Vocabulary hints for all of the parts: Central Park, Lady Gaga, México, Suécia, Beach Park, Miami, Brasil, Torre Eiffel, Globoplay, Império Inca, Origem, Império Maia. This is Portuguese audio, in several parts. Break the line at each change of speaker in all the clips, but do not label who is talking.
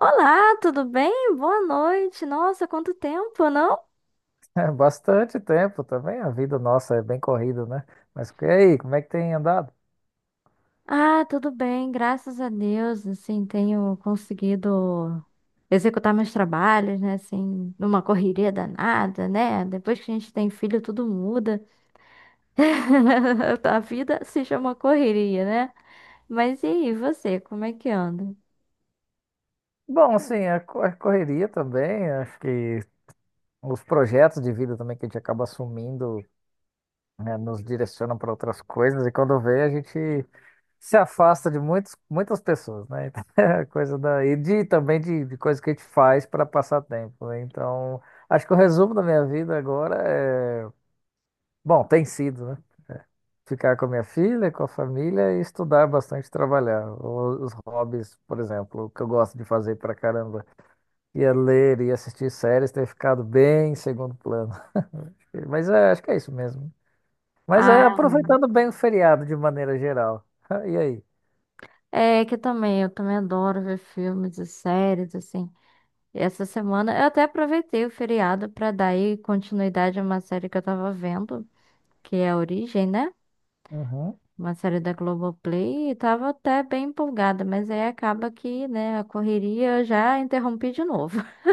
Olá, tudo bem? Boa noite. Nossa, quanto tempo, não?
É bastante tempo também, a vida nossa é bem corrida, né? Mas e aí, como é que tem andado?
Ah, tudo bem, graças a Deus, assim, tenho conseguido executar meus trabalhos, né, assim, numa correria danada, né? Depois que a gente tem filho, tudo muda. A vida se chama correria, né? Mas e aí, você, como é que anda?
Bom, assim, a correria também, acho que os projetos de vida também que a gente acaba assumindo, né, nos direcionam para outras coisas, e quando vê, a gente se afasta de muitas pessoas, né? Então, é a coisa da, e de, também de coisas que a gente faz para passar tempo, né? Então, acho que o resumo da minha vida agora é, bom, tem sido, né? Ficar com a minha filha, com a família e estudar bastante, e trabalhar. Os hobbies, por exemplo, que eu gosto de fazer pra caramba. Ia ler, ia assistir séries, ter ficado bem em segundo plano. Mas é, acho que é isso mesmo. Mas é
Ah,
aproveitando bem o feriado de maneira geral. E aí?
é que também, eu também adoro ver filmes e séries, assim. E essa semana eu até aproveitei o feriado para dar aí continuidade a uma série que eu tava vendo, que é a Origem, né?
Uhum.
Uma série da Globoplay, e tava até bem empolgada, mas aí acaba que, né, a correria eu já interrompi de novo.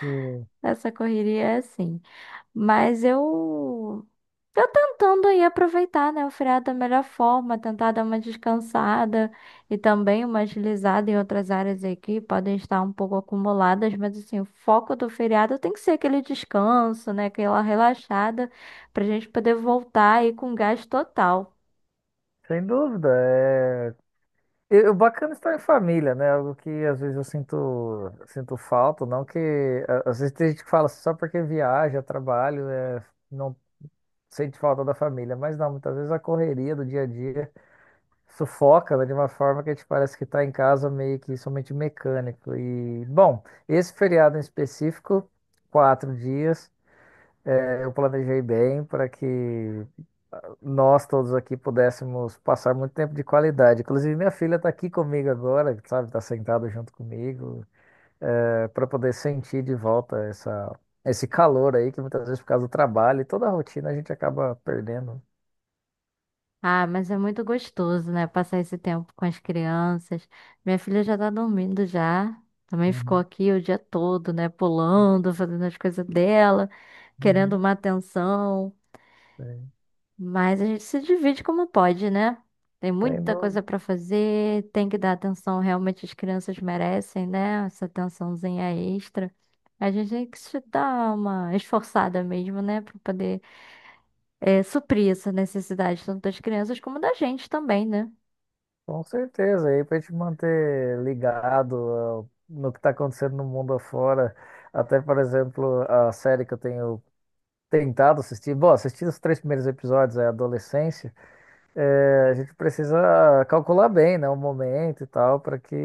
Sim.
Essa correria é assim. Mas eu tô tentando aí aproveitar, né, o feriado da melhor forma, tentar dar uma descansada e também uma agilizada em outras áreas aí que podem estar um pouco acumuladas, mas assim, o foco do feriado tem que ser aquele descanso, né, aquela relaxada pra gente poder voltar aí com gás total.
Sem dúvida. E o bacana é estar em família, né? Algo que às vezes eu sinto, sinto falta, não que... Às vezes tem gente que fala assim, só porque viaja, trabalho, não sente falta da família, mas não, muitas vezes a correria do dia a dia sufoca, né, de uma forma que a gente parece que está em casa meio que somente mecânico. E, bom, esse feriado em específico, 4 dias, eu planejei bem para que nós todos aqui pudéssemos passar muito tempo de qualidade. Inclusive, minha filha está aqui comigo agora, sabe, está sentada junto comigo, para poder sentir de volta essa. Esse calor aí, que muitas vezes por causa do trabalho e toda a rotina a gente acaba perdendo.
Ah, mas é muito gostoso, né, passar esse tempo com as crianças. Minha filha já tá dormindo já. Também ficou
Uhum,
aqui o dia todo, né, pulando, fazendo as coisas dela, querendo
uhum.
uma atenção.
Sim.
Mas a gente se divide como pode, né? Tem muita
Tendo,
coisa para fazer, tem que dar atenção, realmente as crianças merecem, né? Essa atençãozinha extra. A gente tem que se dar uma esforçada mesmo, né? Para poder suprir essa necessidade, tanto das crianças como da gente também, né?
com certeza, aí para te manter ligado ó, no que está acontecendo no mundo afora. Até, por exemplo, a série que eu tenho tentado assistir. Bom, assisti os 3 primeiros episódios, é Adolescência. É, a gente precisa calcular bem, né, o momento e tal, para que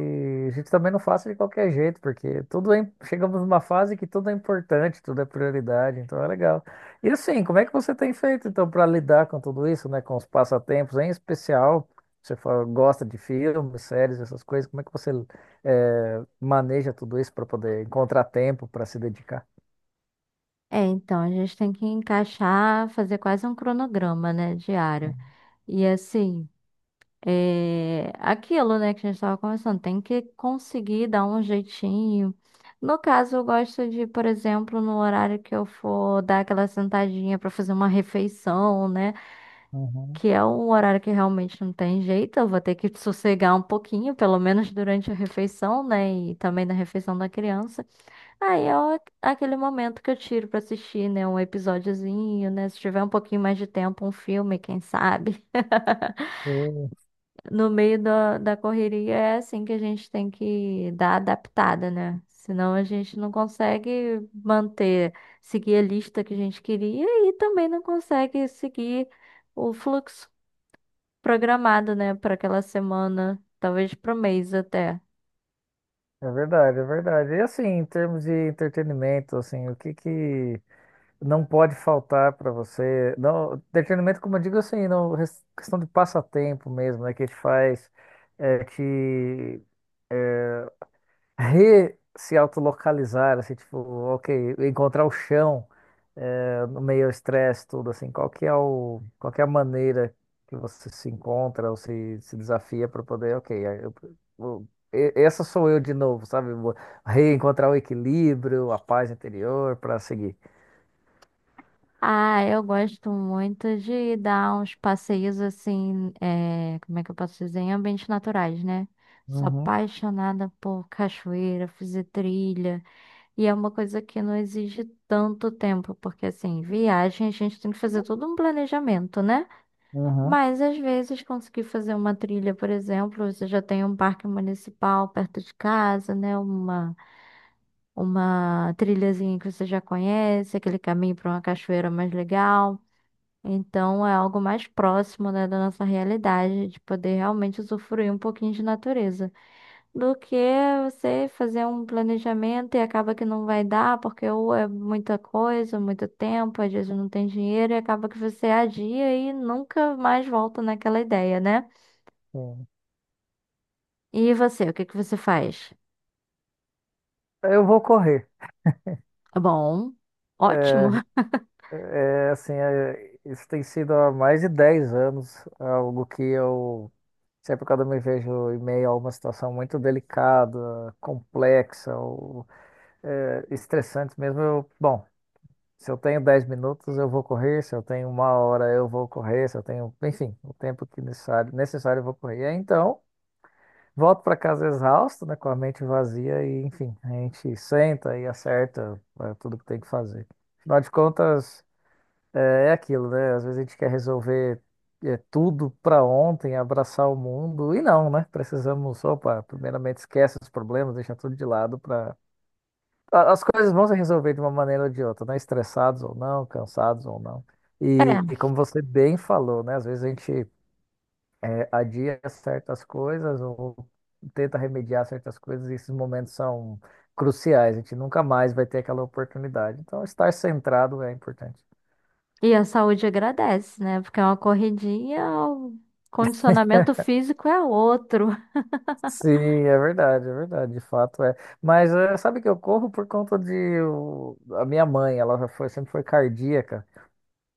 a gente também não faça de qualquer jeito, porque tudo é, chegamos numa fase que tudo é importante, tudo é prioridade, então é legal. E assim, como é que você tem feito então para lidar com tudo isso, né, com os passatempos, em especial, você fala, gosta de filmes, séries, essas coisas, como é que você maneja tudo isso para poder encontrar tempo para se dedicar?
É, então, a gente tem que encaixar, fazer quase um cronograma, né? Diário. E assim. É aquilo, né, que a gente estava conversando, tem que conseguir dar um jeitinho. No caso, eu gosto de, por exemplo, no horário que eu for dar aquela sentadinha para fazer uma refeição, né,
Uhum.
que é um horário que realmente não tem jeito, eu vou ter que sossegar um pouquinho, pelo menos durante a refeição, né, e também na refeição da criança. Aquele momento que eu tiro para assistir, né, um episódiozinho, né, se tiver um pouquinho mais de tempo, um filme, quem sabe.
Sim.
No meio da correria é assim que a gente tem que dar adaptada, né? Senão a gente não consegue manter, seguir a lista que a gente queria e também não consegue seguir o fluxo programado, né, para aquela semana, talvez para o mês até.
É verdade, é verdade. E assim, em termos de entretenimento, assim, o que que não pode faltar para você. Não, entretenimento, como eu digo assim, não, questão de passatempo mesmo, né? Que te faz é, te re se autolocalizar, assim, tipo, ok, encontrar o chão no meio ao estresse, tudo assim. Qual que é qual que é a maneira que você se encontra ou se desafia para poder, ok, essa sou eu de novo, sabe? Vou reencontrar o equilíbrio, a paz interior para seguir.
Ah, eu gosto muito de dar uns passeios assim, é, como é que eu posso dizer? Em ambientes naturais, né? Sou
Uhum,
apaixonada por cachoeira, fazer trilha. E é uma coisa que não exige tanto tempo, porque assim, viagem a gente tem que fazer todo um planejamento, né? Mas às vezes conseguir fazer uma trilha, por exemplo, você já tem um parque municipal perto de casa, né? Uma trilhazinha que você já conhece, aquele caminho para uma cachoeira mais legal. Então é algo mais próximo, né, da nossa realidade, de poder realmente usufruir um pouquinho de natureza do que você fazer um planejamento e acaba que não vai dar, porque ou é muita coisa, muito tempo, às vezes não tem dinheiro, e acaba que você adia e nunca mais volta naquela ideia, né?
uhum.
E você, o que que você faz?
Eu vou correr.
É, bom, ótimo.
É, assim, é, isso tem sido há mais de 10 anos, algo que eu sempre quando eu me vejo em meio a uma situação muito delicada, complexa ou estressante mesmo, eu, bom, se eu tenho 10 minutos eu vou correr, se eu tenho uma hora eu vou correr, se eu tenho, enfim, o tempo que necessário, necessário eu vou correr. E aí, então, volto para casa exausto, né, com a mente vazia e, enfim, a gente senta e acerta tudo que tem que fazer. Afinal de contas, É, é aquilo, né? Às vezes a gente quer resolver tudo para ontem, abraçar o mundo, e não, né? Precisamos, opa, primeiramente esquece os problemas, deixa tudo de lado para. As coisas vão se resolver de uma maneira ou de outra, né? Estressados ou não, cansados ou não. E,
É.
e como você bem falou, né? Às vezes a gente adia certas coisas ou tenta remediar certas coisas, e esses momentos são cruciais, a gente nunca mais vai ter aquela oportunidade. Então, estar centrado é importante.
E a saúde agradece, né? Porque é uma corridinha, o condicionamento físico é outro.
Sim, é verdade, de fato é. Mas sabe que eu corro por conta a minha mãe, ela já foi, sempre foi cardíaca.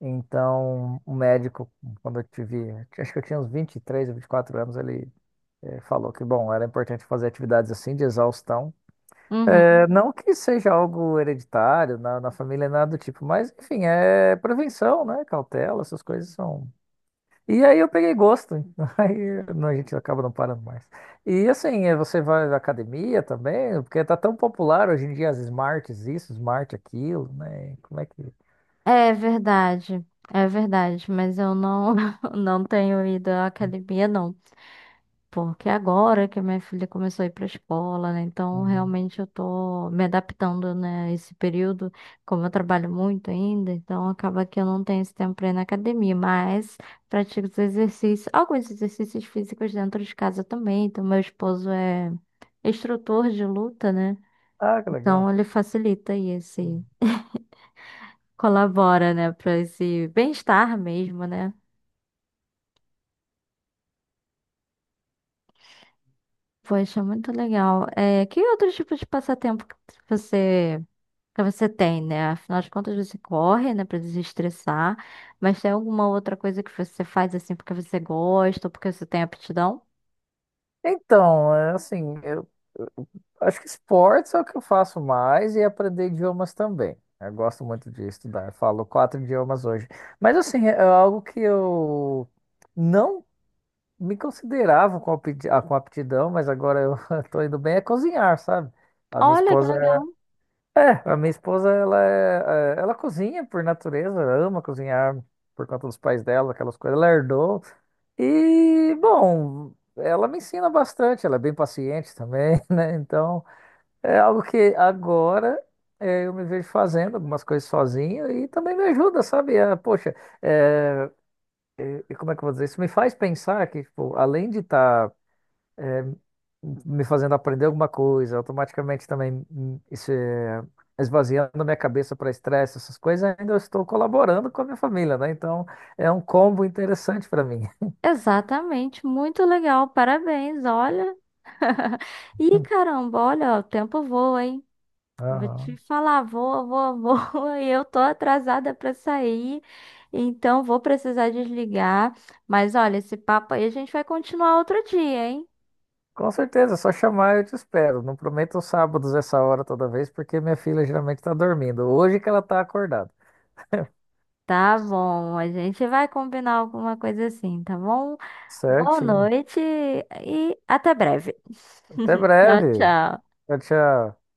Então, o médico, quando eu tive, acho que eu tinha uns 23 ou 24 anos, ele falou que, bom, era importante fazer atividades assim de exaustão.
Uhum.
Não que seja algo hereditário na família, nada do tipo, mas enfim, é prevenção, né? Cautela, essas coisas são, e aí eu peguei gosto. Aí não, a gente acaba não parando mais. E assim, você vai à academia também, porque tá tão popular hoje em dia as smarts, isso, smart aquilo, né? Como é que.
É verdade. É verdade, mas eu não, não tenho ido à academia, não. Porque agora que a minha filha começou a ir para a escola, né? Então,
Uhum.
realmente eu tô me adaptando, né, a esse período, como eu trabalho muito ainda, então acaba que eu não tenho esse tempo para ir na academia, mas pratico os exercícios, alguns exercícios físicos dentro de casa também. Então, meu esposo é instrutor de luta, né?
Ah, que legal.
Então, ele facilita e esse colabora, né, para esse bem-estar mesmo, né? Poxa, muito legal. É, que outro tipo de passatempo você que você tem, né? Afinal de contas, você corre, né, para desestressar, mas tem alguma outra coisa que você faz assim porque você gosta ou porque você tem aptidão?
Então, é assim, eu acho que esportes é o que eu faço mais e aprender idiomas também. Eu gosto muito de estudar, eu falo 4 idiomas hoje. Mas assim, é algo que eu não me considerava com com aptidão, mas agora eu tô indo bem é cozinhar, sabe? A minha
Olha que
esposa,
legal.
a minha esposa, ela, ela cozinha por natureza, ama cozinhar por conta dos pais dela, aquelas coisas, ela herdou. E, bom, ela me ensina bastante, ela é bem paciente também, né? Então, é algo que agora eu me vejo fazendo algumas coisas sozinho e também me ajuda, sabe? Ah, poxa, eh, e como é que eu vou dizer? Isso me faz pensar que, tipo, além de estar me fazendo aprender alguma coisa, automaticamente também isso é, esvaziando minha cabeça para estresse, essas coisas, ainda eu estou colaborando com a minha família, né? Então é um combo interessante para mim.
Exatamente, muito legal. Parabéns, olha. Ih, caramba, olha, o tempo voa, hein? Vou te
Aham.
falar, voa, voa, voa, e eu tô atrasada para sair, então vou precisar desligar. Mas olha, esse papo aí a gente vai continuar outro dia, hein?
Com certeza, é só chamar eu te espero. Não prometo os sábados essa hora toda vez, porque minha filha geralmente está dormindo. Hoje que ela está acordada.
Tá bom, a gente vai combinar alguma coisa assim, tá bom? Boa
Certinho.
noite e até breve.
Até
Tchau,
breve.
tchau.
Tchau, tchau.